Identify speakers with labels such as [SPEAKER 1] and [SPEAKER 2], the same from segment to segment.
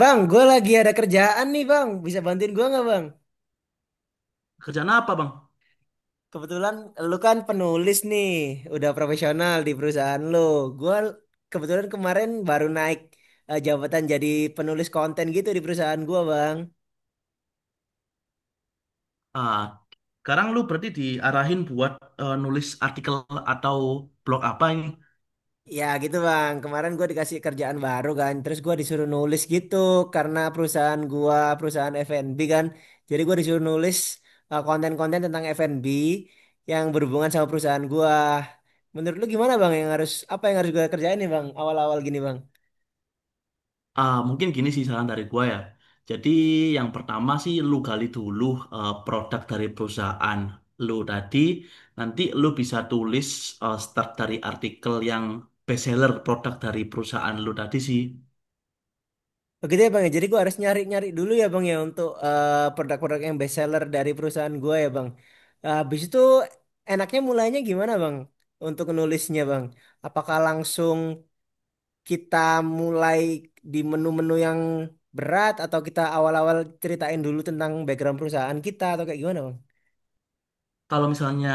[SPEAKER 1] Bang, gue lagi ada kerjaan nih, bang. Bisa bantuin gue nggak, bang?
[SPEAKER 2] Kerjaan apa, Bang?
[SPEAKER 1] Kebetulan lu kan penulis nih, udah profesional di perusahaan lu. Gue kebetulan kemarin baru naik jabatan, jadi penulis konten gitu di perusahaan gue, bang.
[SPEAKER 2] Ah, Sekarang lu berarti diarahin buat nulis artikel atau blog apa ini?
[SPEAKER 1] Ya gitu, bang, kemarin gue dikasih kerjaan baru kan, terus gue disuruh nulis gitu karena perusahaan gua perusahaan F&B kan, jadi gue disuruh nulis konten-konten tentang F&B yang berhubungan sama perusahaan gua. Menurut lu gimana, bang, yang harus apa yang harus gue kerjain nih, bang, awal-awal gini, bang?
[SPEAKER 2] Mungkin gini sih saran dari gua ya. Jadi yang pertama sih lu gali dulu produk dari perusahaan lu tadi. Nanti lu bisa tulis start dari artikel yang bestseller produk dari perusahaan lu tadi sih.
[SPEAKER 1] Begitu ya, bang, ya, jadi gue harus nyari-nyari dulu ya, bang, ya, untuk produk-produk yang best seller dari perusahaan gue ya, bang. Habis itu enaknya mulainya gimana, bang, untuk nulisnya, bang? Apakah langsung kita mulai di menu-menu yang berat atau kita awal-awal ceritain dulu tentang background perusahaan kita atau kayak gimana, bang?
[SPEAKER 2] Kalau misalnya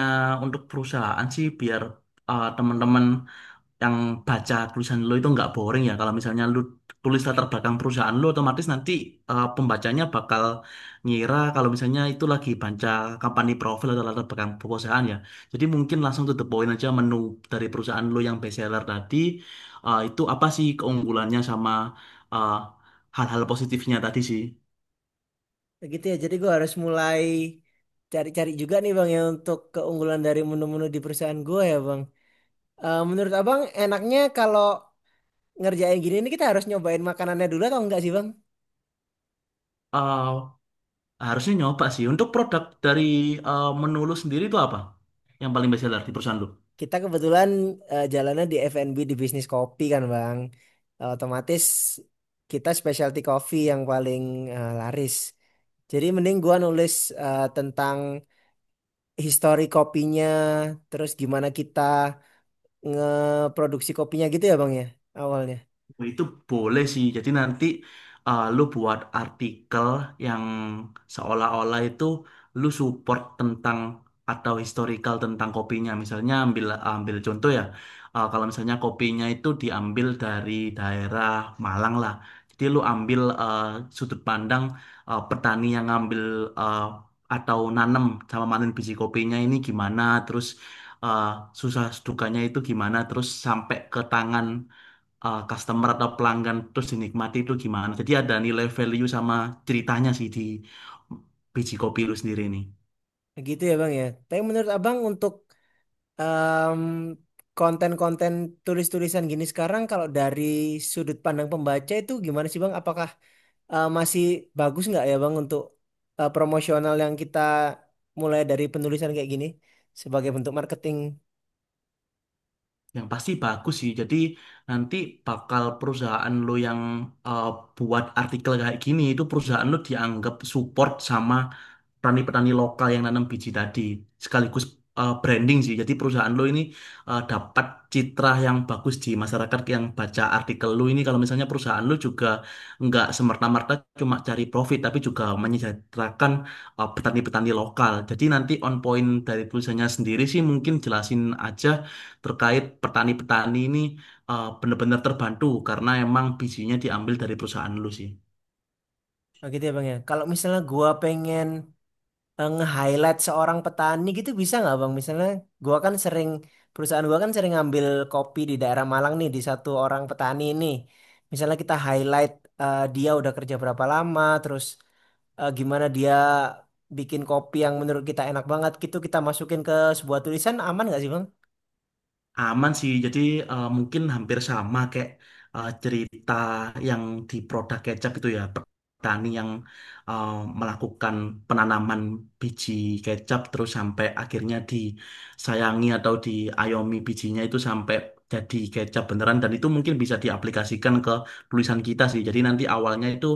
[SPEAKER 2] untuk perusahaan sih biar teman-teman yang baca tulisan lo itu nggak boring ya. Kalau misalnya lo tulis latar belakang perusahaan lo, otomatis nanti pembacanya bakal ngira kalau misalnya itu lagi baca company profile atau latar belakang perusahaan ya. Jadi mungkin langsung to the point aja menu dari perusahaan lo yang best seller tadi, itu apa sih keunggulannya sama eh, hal-hal positifnya tadi sih.
[SPEAKER 1] Kayak gitu ya, jadi gue harus mulai cari-cari juga nih, bang, ya, untuk keunggulan dari menu-menu di perusahaan gue ya, bang. Eh, menurut abang enaknya kalau ngerjain gini ini kita harus nyobain makanannya dulu atau enggak sih, bang?
[SPEAKER 2] Eh, Harusnya nyoba sih. Untuk produk dari menu lo sendiri itu apa? Yang paling best seller di perusahaan lo?
[SPEAKER 1] Kita kebetulan jalannya di F&B, di bisnis kopi kan, Bang. Eh, otomatis kita specialty coffee yang paling laris. Jadi mending gua nulis tentang histori kopinya, terus gimana kita ngeproduksi kopinya gitu ya, Bang, ya, awalnya.
[SPEAKER 2] Oh, itu boleh sih. Jadi nanti lu buat artikel yang seolah-olah itu lu support tentang atau historical tentang kopinya. Misalnya ambil ambil contoh ya. Kalau misalnya kopinya itu diambil dari daerah Malang lah. Jadi lu ambil sudut pandang petani yang ngambil eh, atau nanem sama panen biji kopinya ini gimana, terus eh, susah dukanya itu gimana, terus sampai ke tangan customer atau pelanggan terus dinikmati itu gimana. Jadi ada nilai value sama ceritanya sih di biji kopi lu sendiri nih.
[SPEAKER 1] Gitu ya, Bang, ya. Tapi menurut Abang untuk em, konten-konten tulis-tulisan gini sekarang kalau dari sudut pandang pembaca itu gimana sih, Bang? Apakah masih bagus nggak ya, Bang, untuk promosional yang kita mulai dari penulisan kayak gini sebagai bentuk marketing?
[SPEAKER 2] Yang pasti bagus sih. Jadi nanti bakal perusahaan lu yang uh, buat artikel kayak gini itu perusahaan lu dianggap support sama petani-petani lokal yang nanam biji tadi sekaligus branding sih. Jadi perusahaan lo ini dapat citra yang bagus di masyarakat yang baca artikel lo ini. Kalau misalnya perusahaan lo juga nggak semerta-merta cuma cari profit, tapi juga menyejahterakan petani-petani lokal. Jadi nanti on point dari tulisannya sendiri sih mungkin jelasin aja terkait petani-petani ini benar-benar terbantu karena emang bijinya diambil dari perusahaan lo sih.
[SPEAKER 1] Oh, gitu ya, Bang, ya. Kalau misalnya gua pengen nge-highlight seorang petani gitu bisa nggak, Bang? Misalnya gua kan sering perusahaan gua kan sering ngambil kopi di daerah Malang nih, di satu orang petani ini. Misalnya kita highlight dia udah kerja berapa lama, terus gimana dia bikin kopi yang menurut kita enak banget gitu kita masukin ke sebuah tulisan, aman nggak sih, Bang?
[SPEAKER 2] Aman sih, jadi mungkin hampir sama kayak cerita yang di produk kecap itu ya, petani yang eh, melakukan penanaman biji kecap terus sampai akhirnya disayangi atau diayomi bijinya itu sampai jadi kecap beneran dan itu mungkin bisa diaplikasikan ke tulisan kita sih. Jadi nanti awalnya itu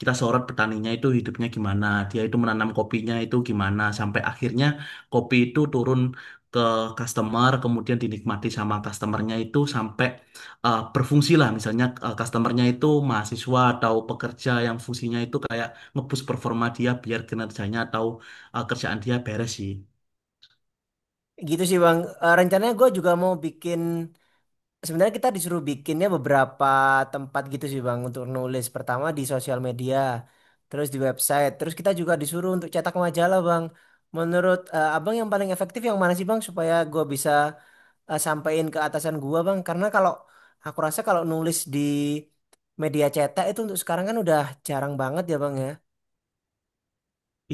[SPEAKER 2] kita sorot petaninya itu hidupnya gimana, dia itu menanam kopinya itu gimana sampai akhirnya kopi itu turun ke customer, kemudian dinikmati sama customernya itu sampai berfungsi lah. Misalnya customernya itu mahasiswa atau pekerja yang fungsinya itu kayak nge-boost performa dia biar kinerjanya atau kerjaan dia beres sih.
[SPEAKER 1] Gitu sih, Bang. Eh, rencananya gue juga mau bikin, sebenarnya kita disuruh bikinnya beberapa tempat gitu sih, Bang, untuk nulis. Pertama di sosial media, terus di website, terus kita juga disuruh untuk cetak majalah, Bang. Menurut Abang yang paling efektif yang mana sih, Bang, supaya gue bisa sampein ke atasan gue, Bang? Karena kalau aku rasa kalau nulis di media cetak itu untuk sekarang kan udah jarang banget ya, Bang, ya.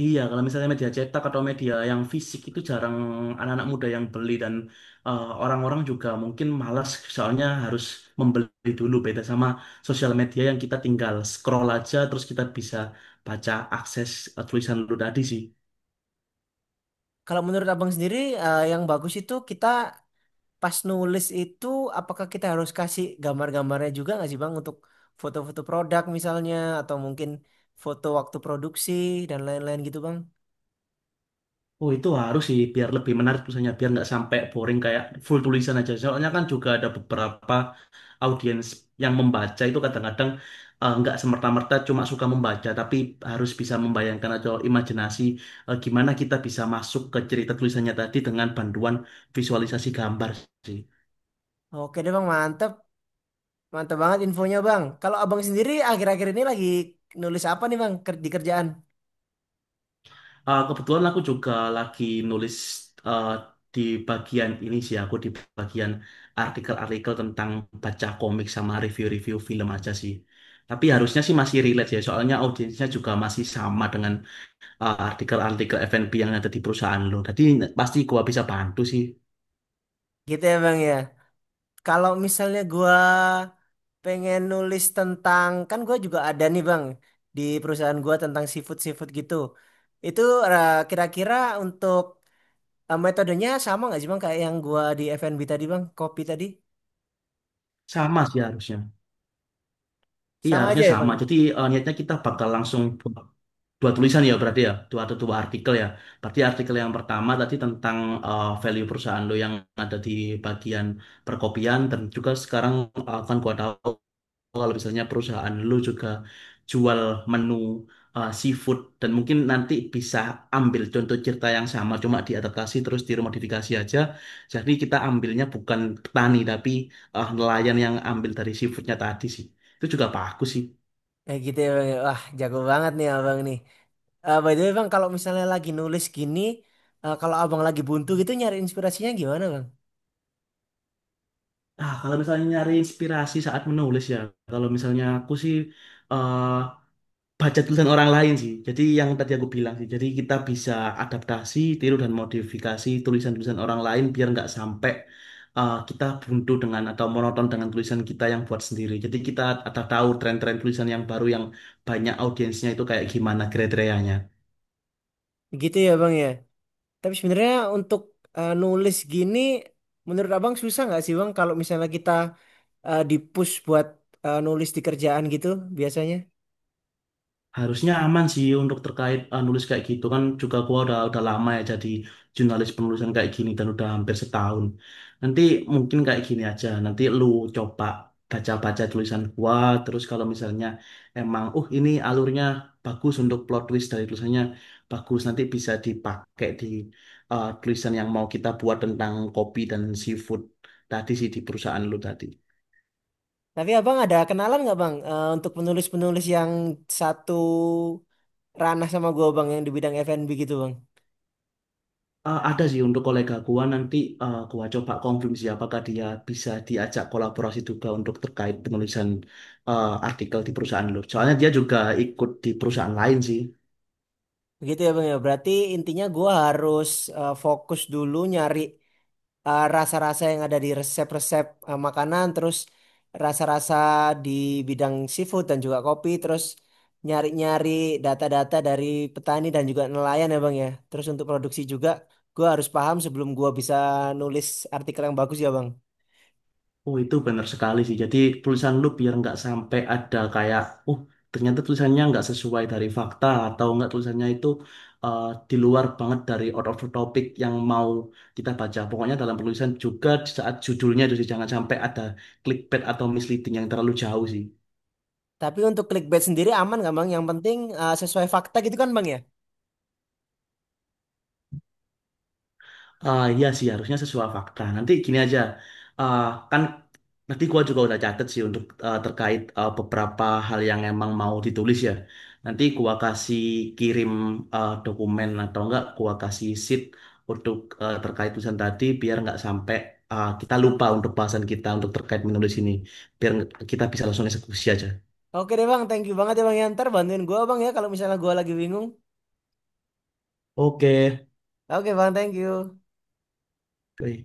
[SPEAKER 2] Iya, kalau misalnya media cetak atau media yang fisik itu jarang anak-anak muda yang beli dan orang-orang juga mungkin malas soalnya harus membeli dulu beda sama sosial media yang kita tinggal scroll aja terus kita bisa baca akses tulisan lu tadi sih.
[SPEAKER 1] Kalau menurut Abang sendiri yang bagus itu kita pas nulis itu, apakah kita harus kasih gambar-gambarnya juga nggak sih, Bang, untuk foto-foto produk misalnya atau mungkin foto waktu produksi dan lain-lain gitu, Bang?
[SPEAKER 2] Oh, itu harus sih biar lebih menarik tulisannya biar nggak sampai boring kayak full tulisan aja. Soalnya kan juga ada beberapa audiens yang membaca itu kadang-kadang nggak semerta-merta cuma suka membaca tapi harus bisa membayangkan atau imajinasi gimana kita bisa masuk ke cerita tulisannya tadi dengan bantuan visualisasi gambar sih.
[SPEAKER 1] Oke deh, Bang, mantep. Mantep banget infonya, Bang. Kalau Abang sendiri akhir-akhir ini lagi nulis apa nih, Bang, di kerjaan?
[SPEAKER 2] Kebetulan aku juga lagi nulis eh, di bagian ini sih, aku di bagian artikel-artikel tentang baca komik sama review-review film aja sih. Tapi harusnya sih masih relate ya, soalnya audiensnya juga masih sama dengan artikel-artikel F&B yang ada di perusahaan lo. Jadi pasti gua bisa bantu sih.
[SPEAKER 1] Gitu ya, Bang, ya. Kalau misalnya gua pengen nulis tentang, kan gua juga ada nih, Bang, di perusahaan gua tentang seafood-seafood gitu. Itu kira-kira untuk metodenya sama nggak sih, bang, kayak yang gua di FNB tadi, bang, kopi tadi
[SPEAKER 2] Sama sih harusnya. Iya
[SPEAKER 1] sama aja
[SPEAKER 2] harusnya
[SPEAKER 1] ya, bang,
[SPEAKER 2] sama.
[SPEAKER 1] ya?
[SPEAKER 2] Jadi niatnya kita bakal langsung buat dua tulisan ya berarti ya dua atau dua artikel ya berarti artikel yang pertama tadi tentang value perusahaan lo yang ada di bagian perkopian dan juga sekarang akan gua tahu kalau misalnya perusahaan lo juga jual menu seafood dan mungkin nanti bisa ambil contoh cerita yang sama cuma diadaptasi terus diremodifikasi aja jadi kita ambilnya bukan petani tapi nelayan yang ambil dari seafoodnya tadi sih itu juga bagus sih.
[SPEAKER 1] Eh, gitu ya, bang, ya. Wah, jago banget nih abang nih. Eh, by the way, bang, kalau misalnya lagi nulis gini kalau abang lagi buntu gitu nyari inspirasinya gimana, bang?
[SPEAKER 2] Kalau misalnya nyari inspirasi saat menulis ya, kalau misalnya aku sih eh, baca tulisan orang lain sih. Jadi yang tadi aku bilang sih, jadi kita bisa adaptasi, tiru dan modifikasi tulisan-tulisan orang lain biar nggak sampai kita buntu dengan atau monoton dengan tulisan kita yang buat sendiri. Jadi kita ada tahu tren-tren tulisan yang baru yang banyak audiensnya itu kayak gimana kriteria.
[SPEAKER 1] Gitu ya, bang, ya, tapi sebenarnya untuk nulis gini menurut abang susah nggak sih, bang, kalau misalnya kita dipush buat nulis di kerjaan gitu biasanya.
[SPEAKER 2] Harusnya aman sih untuk terkait nulis kayak gitu kan juga gua udah lama ya jadi jurnalis penulisan kayak gini dan udah hampir setahun. Nanti mungkin kayak gini aja. Nanti lu coba baca-baca tulisan gua terus kalau misalnya emang ini alurnya bagus untuk plot twist dari tulisannya bagus nanti bisa dipakai di tulisan yang mau kita buat tentang kopi dan seafood tadi sih di perusahaan lu tadi.
[SPEAKER 1] Tapi abang ada kenalan nggak, bang, untuk penulis-penulis yang satu ranah sama gue, bang, yang di bidang F&B gitu, bang?
[SPEAKER 2] Ada sih untuk kolega gua nanti gua coba konfirmasi apakah dia bisa diajak kolaborasi juga untuk terkait penulisan artikel di perusahaan lu. Soalnya dia juga ikut di perusahaan lain sih.
[SPEAKER 1] Begitu ya, bang, ya, berarti intinya gue harus fokus dulu nyari rasa-rasa yang ada di resep-resep makanan, terus rasa-rasa di bidang seafood dan juga kopi, terus nyari-nyari data-data dari petani dan juga nelayan ya, bang, ya, terus untuk produksi juga gue harus paham sebelum gue bisa nulis artikel yang bagus ya, bang.
[SPEAKER 2] Oh, itu benar sekali sih. Jadi tulisan lu biar nggak sampai ada kayak, oh, ternyata tulisannya nggak sesuai dari fakta atau nggak tulisannya itu eh, di luar banget dari out of the topic yang mau kita baca. Pokoknya dalam penulisan juga di saat judulnya itu sih jangan sampai ada clickbait atau misleading yang terlalu jauh sih.
[SPEAKER 1] Tapi untuk clickbait sendiri aman nggak, bang, yang penting sesuai fakta gitu kan, bang, ya?
[SPEAKER 2] Iya sih harusnya sesuai fakta. Nanti gini aja, Ah, kan nanti gua juga udah catet sih untuk terkait beberapa hal yang emang mau ditulis ya. Nanti gua kasih kirim dokumen atau enggak, gua kasih sheet untuk terkait tulisan tadi biar nggak sampai kita lupa untuk bahasan kita untuk terkait menulis ini, biar kita bisa langsung eksekusi aja.
[SPEAKER 1] Oke deh, bang, thank you banget ya, bang, ya. Ntar bantuin gue, bang, ya, kalau misalnya gue lagi bingung.
[SPEAKER 2] Oke.
[SPEAKER 1] Oke, bang, thank you.
[SPEAKER 2] Oke.